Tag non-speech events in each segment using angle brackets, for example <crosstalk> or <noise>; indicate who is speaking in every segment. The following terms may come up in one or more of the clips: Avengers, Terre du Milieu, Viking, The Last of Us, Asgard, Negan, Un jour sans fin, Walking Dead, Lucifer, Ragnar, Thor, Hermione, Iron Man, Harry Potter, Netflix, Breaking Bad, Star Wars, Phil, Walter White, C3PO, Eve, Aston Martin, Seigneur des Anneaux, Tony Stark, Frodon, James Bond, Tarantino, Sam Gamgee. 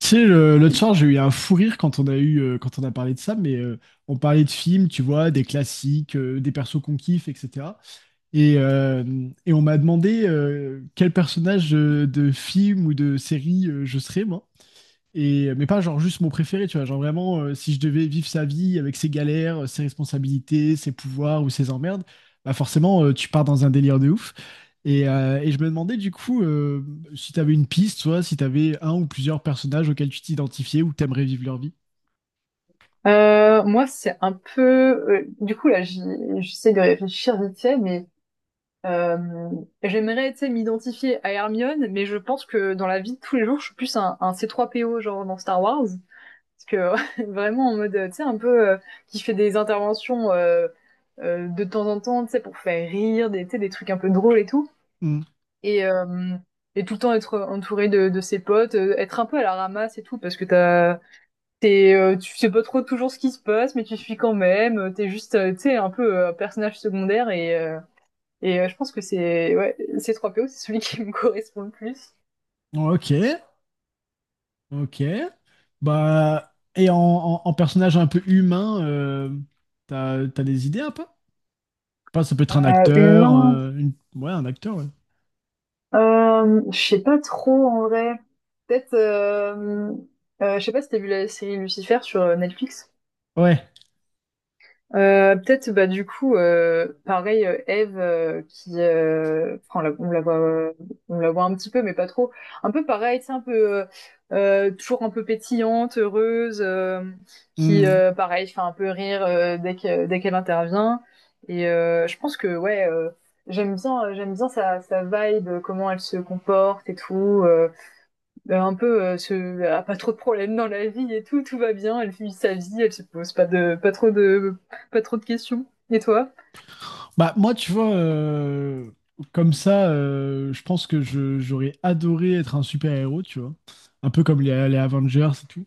Speaker 1: Tu sais, l'autre soir, j'ai eu un fou rire quand quand on a parlé de ça, on parlait de films, tu vois, des classiques, des persos qu'on kiffe, etc. Et, euh, et on m'a demandé quel personnage de film ou de série je serais, moi. Mais pas genre juste mon préféré, tu vois. Genre vraiment, si je devais vivre sa vie avec ses galères, ses responsabilités, ses pouvoirs ou ses emmerdes, bah forcément, tu pars dans un délire de ouf. Et je me demandais du coup, si tu avais une piste, soit si tu avais un ou plusieurs personnages auxquels tu t'identifiais ou que t'aimerais vivre leur vie.
Speaker 2: Moi, c'est un peu. Là, j'essaie de réfléchir vite fait, mais euh, j'aimerais, tu sais, m'identifier à Hermione, mais je pense que dans la vie de tous les jours, je suis plus un C3PO, genre dans Star Wars. Parce que <laughs> vraiment, en mode, tu sais, un peu qui fait des interventions de temps en temps, tu sais, pour faire rire, tu sais, des trucs un peu drôles et tout.
Speaker 1: Hmm.
Speaker 2: Et, euh, et tout le temps être entouré de ses potes, être un peu à la ramasse et tout, parce que t'es, tu sais pas trop toujours ce qui se passe, mais tu suis quand même. T'es juste, tu sais, un personnage secondaire et je pense que c'est ouais, C3PO, c'est celui qui me <laughs> correspond le plus.
Speaker 1: Ok. Ok. Bah, et en personnage un peu humain, t'as des idées un peu? Pas, ça peut être un acteur,
Speaker 2: Humain,
Speaker 1: ouais, un acteur, ouais.
Speaker 2: je sais pas trop en vrai. Peut-être, je sais pas si t'as vu la série Lucifer sur Netflix.
Speaker 1: Ouais.
Speaker 2: Peut-être bah du coup Pareil, Eve qui enfin, on la voit un petit peu mais pas trop, un peu pareil, c'est un peu toujours un peu pétillante, heureuse, qui
Speaker 1: Hmm.
Speaker 2: pareil fait un peu rire dès qu'elle intervient, je pense que ouais, j'aime bien sa sa vibe, comment elle se comporte et tout, bah, un peu, ce elle a pas trop de problèmes dans la vie et tout, tout va bien, elle vit sa vie, elle se pose pas de pas trop de questions. Et toi?
Speaker 1: Bah, moi, tu vois, comme ça, je pense que j'aurais adoré être un super-héros, tu vois. Un peu comme les Avengers et tout.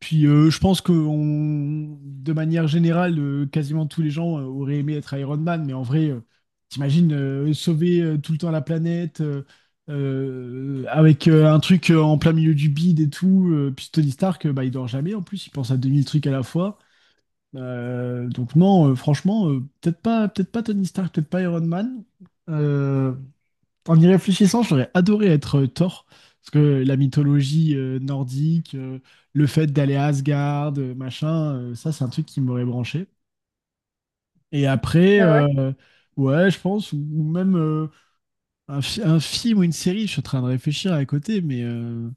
Speaker 1: Puis je pense que de manière générale, quasiment tous les gens auraient aimé être Iron Man, mais en vrai, t'imagines sauver tout le temps la planète avec un truc en plein milieu du bide et tout. Euh, puis Tony Stark, bah, il dort jamais en plus, il pense à 2000 trucs à la fois. Donc non, franchement, peut-être pas Tony Stark, peut-être pas Iron Man. Euh, en y réfléchissant, j'aurais adoré être Thor, parce que la mythologie nordique, le fait d'aller à Asgard, machin, ça c'est un truc qui m'aurait branché. Et après,
Speaker 2: Ah ouais?
Speaker 1: ouais, je pense, ou même un film ou une série, je suis en train de réfléchir à côté, mais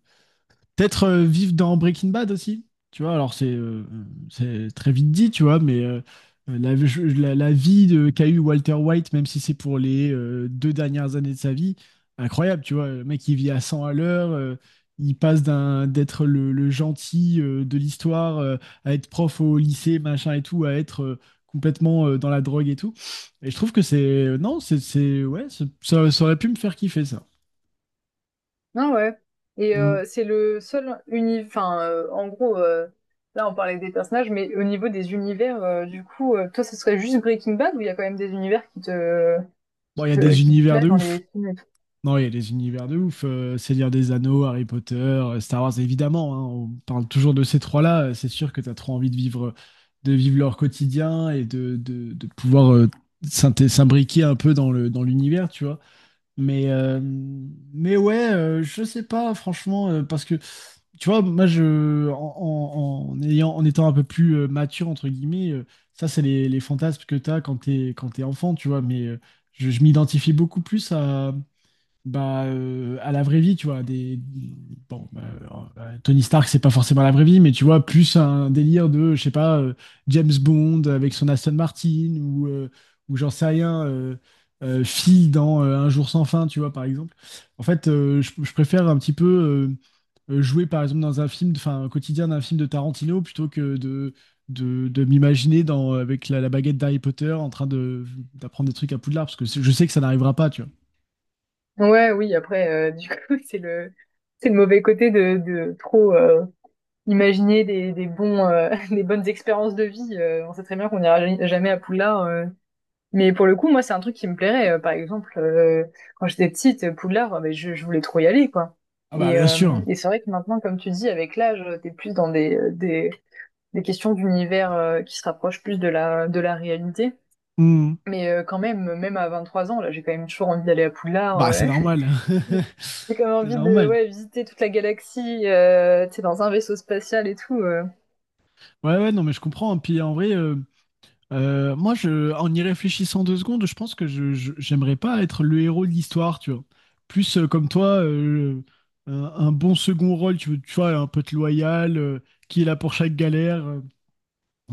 Speaker 1: peut-être vivre dans Breaking Bad aussi, tu vois. Alors, c'est très vite dit, tu vois, mais la vie de, qu'a eu Walter White, même si c'est pour les deux dernières années de sa vie, incroyable, tu vois. Le mec, il vit à 100 à l'heure, il passe d'être le gentil de l'histoire, à être prof au lycée, machin et tout, à être complètement dans la drogue et tout. Et je trouve que c'est. Non, ouais, ça, ça aurait pu me faire kiffer, ça.
Speaker 2: Ah ouais. Et
Speaker 1: Mm.
Speaker 2: c'est le seul uni enfin, en gros, là on parlait des personnages, mais au niveau des univers, toi ce serait juste Breaking Bad ou il y a quand même des univers qui te
Speaker 1: Bon, il y a des
Speaker 2: qui te
Speaker 1: univers
Speaker 2: plaisent
Speaker 1: de
Speaker 2: dans
Speaker 1: ouf.
Speaker 2: les films et tout?
Speaker 1: Non, il y a des univers de ouf. Euh, Seigneur des Anneaux, Harry Potter, Star Wars, évidemment, hein, on parle toujours de ces trois-là. Euh, c'est sûr que tu as trop envie de vivre leur quotidien et de pouvoir s'imbriquer un peu dans dans l'univers, tu vois. Mais, euh, mais ouais, je sais pas, franchement, parce que, tu vois, moi, en ayant, en étant un peu plus mature, entre guillemets, ça, c'est les fantasmes que tu as quand quand t'es enfant, tu vois. Mais je m'identifie beaucoup plus à bah, à la vraie vie, tu vois, des... Bon, bah, Tony Stark, c'est pas forcément la vraie vie, mais tu vois, plus un délire de, je sais pas, James Bond avec son Aston Martin, ou j'en sais rien, Phil dans Un jour sans fin, tu vois, par exemple. En fait, je préfère un petit peu jouer, par exemple, dans un film, enfin, un quotidien d'un film de Tarantino, plutôt que de m'imaginer dans, avec la baguette d'Harry Potter en train de, d'apprendre des trucs à Poudlard, parce que je sais que ça n'arrivera pas, tu vois.
Speaker 2: Ouais, oui, après, <laughs> c'est le mauvais côté de trop, imaginer des bons, <laughs> des bonnes expériences de vie. On sait très bien qu'on n'ira jamais à Poudlard. Mais pour le coup, moi, c'est un truc qui me plairait. Par exemple, quand j'étais petite, Poudlard, ben, je voulais trop y aller, quoi.
Speaker 1: Ah bah, bien sûr.
Speaker 2: Et c'est vrai que maintenant, comme tu dis, avec l'âge, t'es plus dans des questions d'univers qui se rapprochent plus de de la réalité.
Speaker 1: Hmm.
Speaker 2: Mais quand même, même à 23 ans, là, j'ai quand même toujours envie d'aller à Poudlard.
Speaker 1: Bah, c'est
Speaker 2: euh.
Speaker 1: normal.
Speaker 2: ouais. <laughs> J'ai quand même
Speaker 1: <laughs> C'est
Speaker 2: envie de
Speaker 1: normal.
Speaker 2: ouais, visiter toute la galaxie, tu sais, dans un vaisseau spatial et tout.
Speaker 1: Ouais, ouais, non, mais je comprends, hein. Puis en vrai, moi, en y réfléchissant deux secondes, je pense que j'aimerais pas être le héros de l'histoire, tu vois. Plus comme toi, un bon second rôle, tu vois, un pote loyal, qui est là pour chaque galère,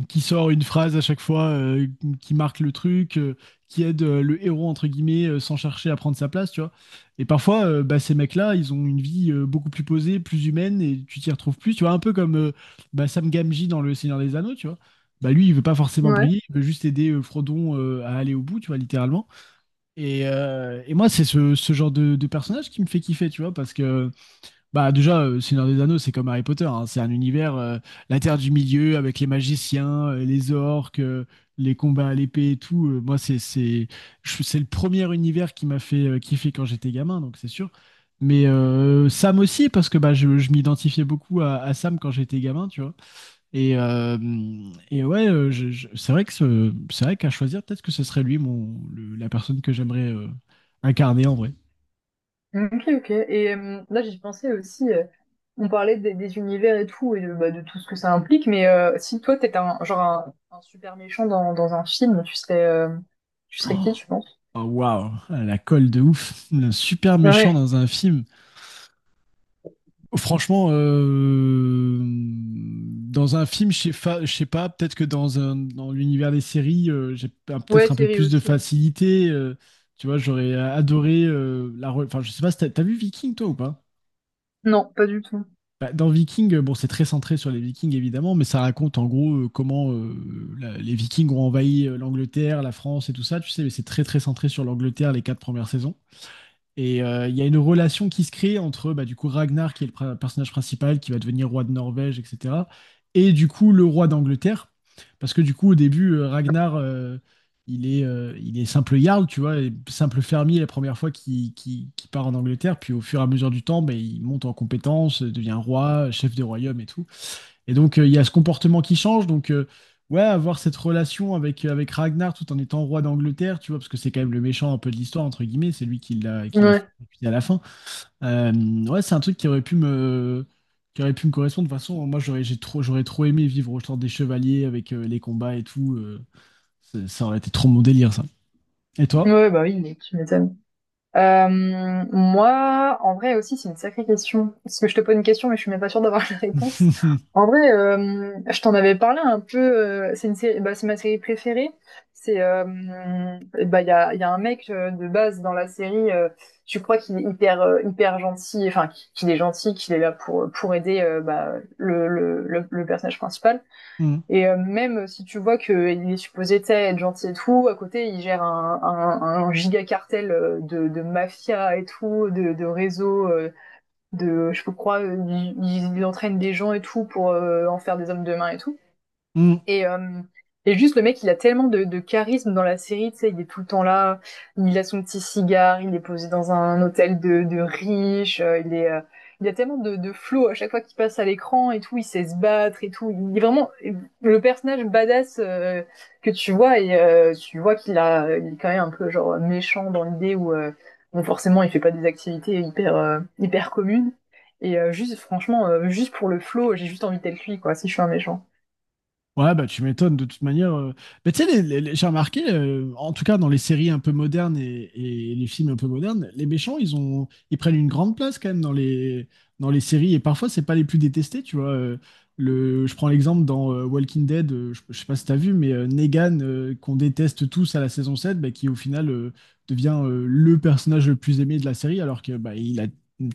Speaker 1: qui sort une phrase à chaque fois, qui marque le truc, qui aide le héros, entre guillemets, sans chercher à prendre sa place, tu vois. Et parfois, bah, ces mecs-là, ils ont une vie beaucoup plus posée, plus humaine, et tu t'y retrouves plus, tu vois. Un peu comme bah, Sam Gamgee dans Le Seigneur des Anneaux, tu vois. Bah, lui, il veut pas forcément
Speaker 2: Ouais.
Speaker 1: briller, il veut juste aider Frodon à aller au bout, tu vois, littéralement. Et moi, c'est ce genre de personnage qui me fait kiffer, tu vois, parce que bah déjà, Seigneur des Anneaux, c'est comme Harry Potter, hein. C'est un univers, la Terre du Milieu, avec les magiciens, les orques, les combats à l'épée et tout. Moi, c'est le premier univers qui m'a fait kiffer quand j'étais gamin, donc c'est sûr. Mais Sam aussi, parce que bah, je m'identifiais beaucoup à Sam quand j'étais gamin, tu vois. Et, euh, et ouais, c'est vrai que c'est vrai qu'à choisir, peut-être que ce serait lui, la personne que j'aimerais incarner en vrai.
Speaker 2: Ok, ok. Et là, j'y pensais aussi, on parlait des univers et tout, et de, bah, de tout ce que ça implique, mais si toi, t'étais un super méchant dans un film, tu serais
Speaker 1: Oh.
Speaker 2: qui, tu penses?
Speaker 1: Oh, waouh, la colle de ouf, le super méchant
Speaker 2: Ouais.
Speaker 1: dans un film. Franchement, dans un film, je sais pas, peut-être que dans dans l'univers des séries,
Speaker 2: Ouais,
Speaker 1: peut-être un peu
Speaker 2: série
Speaker 1: plus de
Speaker 2: aussi, ouais.
Speaker 1: facilité. Euh, tu vois, j'aurais adoré enfin, je sais pas, si t'as vu Viking toi ou pas?
Speaker 2: Non, pas du tout.
Speaker 1: Bah, dans Viking, bon, c'est très centré sur les Vikings évidemment, mais ça raconte en gros comment les Vikings ont envahi l'Angleterre, la France et tout ça. Tu sais, mais c'est très centré sur l'Angleterre les quatre premières saisons. Et il y a une relation qui se crée entre bah, du coup Ragnar, qui est le personnage principal, qui va devenir roi de Norvège, etc. Et du coup le roi d'Angleterre. Parce que du coup au début, Ragnar, il est simple jarl, tu vois, et simple fermier la première fois qu'il part en Angleterre. Puis au fur et à mesure du temps, bah, il monte en compétences, devient roi, chef des royaumes et tout. Et donc, il y a ce comportement qui change. Donc, ouais, avoir cette relation avec, avec Ragnar tout en étant roi d'Angleterre, tu vois, parce que c'est quand même le méchant un peu de l'histoire, entre guillemets, c'est lui qui l'a
Speaker 2: Ouais.
Speaker 1: fait exécuter à la fin. Euh, ouais, c'est un truc qui aurait pu qui aurait pu me correspondre. De toute façon, moi, j'aurais trop aimé vivre au temps des chevaliers avec les combats et tout. Euh, ça ça aurait été trop mon délire, ça. Et toi?
Speaker 2: Ouais, bah oui, mais tu m'étonnes. Euh, Moi, en vrai aussi, c'est une sacrée question. Parce que je te pose une question, mais je suis même pas sûre d'avoir <laughs> la réponse.
Speaker 1: <laughs>
Speaker 2: En vrai, je t'en avais parlé un peu. C'est une série, bah, c'est ma série préférée. C'est, euh, Bah, il y a un mec de base dans la série. Tu crois qu'il est hyper gentil, enfin qu'il est gentil, qu'il est là pour aider bah, le personnage principal.
Speaker 1: Mm,
Speaker 2: Et même si tu vois qu'il est supposé être gentil et tout, à côté il gère un giga cartel de mafia et tout, de réseau, de je crois, il entraîne des gens et tout pour en faire des hommes de main et tout.
Speaker 1: mm.
Speaker 2: Et, euh, et juste, le mec, il a tellement de charisme dans la série, tu sais, il est tout le temps là, il a son petit cigare, il est posé dans un hôtel de riches, il a tellement de flow à chaque fois qu'il passe à l'écran et tout, il sait se battre et tout. Il est vraiment le personnage badass que tu vois et tu vois il est quand même un peu genre méchant dans l'idée où, bon, forcément, il fait pas des activités hyper communes. Et juste, franchement, juste pour le flow, j'ai juste envie d'être lui, quoi, si je suis un méchant.
Speaker 1: Ouais, bah tu m'étonnes de toute manière, euh. Mais tu sais, j'ai remarqué, en tout cas dans les séries un peu modernes et les films un peu modernes, les méchants, ils prennent une grande place quand même dans dans les séries. Et parfois, c'est pas les plus détestés, tu vois. Je prends l'exemple dans Walking Dead, je sais pas si t'as vu, mais Negan, qu'on déteste tous à la saison 7, bah, qui au final devient le personnage le plus aimé de la série, alors que bah, il a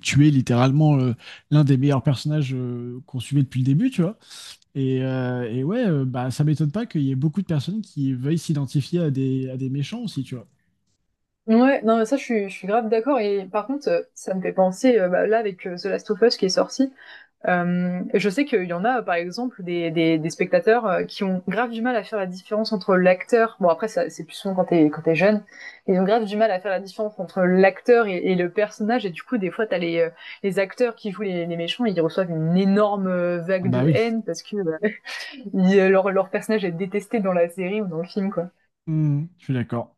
Speaker 1: tué littéralement l'un des meilleurs personnages qu'on suivait depuis le début, tu vois. Et ouais, bah, ça m'étonne pas qu'il y ait beaucoup de personnes qui veuillent s'identifier à des méchants aussi, tu vois.
Speaker 2: Ouais, non, mais ça, je suis grave d'accord. Et par contre, ça me fait penser, bah, là, avec The Last of Us qui est sorti, je sais qu'il y en a, par exemple, des spectateurs qui ont grave du mal à faire la différence entre l'acteur, bon, après, ça, c'est plus souvent quand quand t'es jeune, ils ont grave du mal à faire la différence entre l'acteur et le personnage. Et du coup, des fois, les acteurs qui jouent les méchants, ils reçoivent une énorme
Speaker 1: Ah
Speaker 2: vague
Speaker 1: bah
Speaker 2: de
Speaker 1: oui.
Speaker 2: haine parce que <laughs> leur personnage est détesté dans la série ou dans le film, quoi.
Speaker 1: Hmm, je suis d'accord.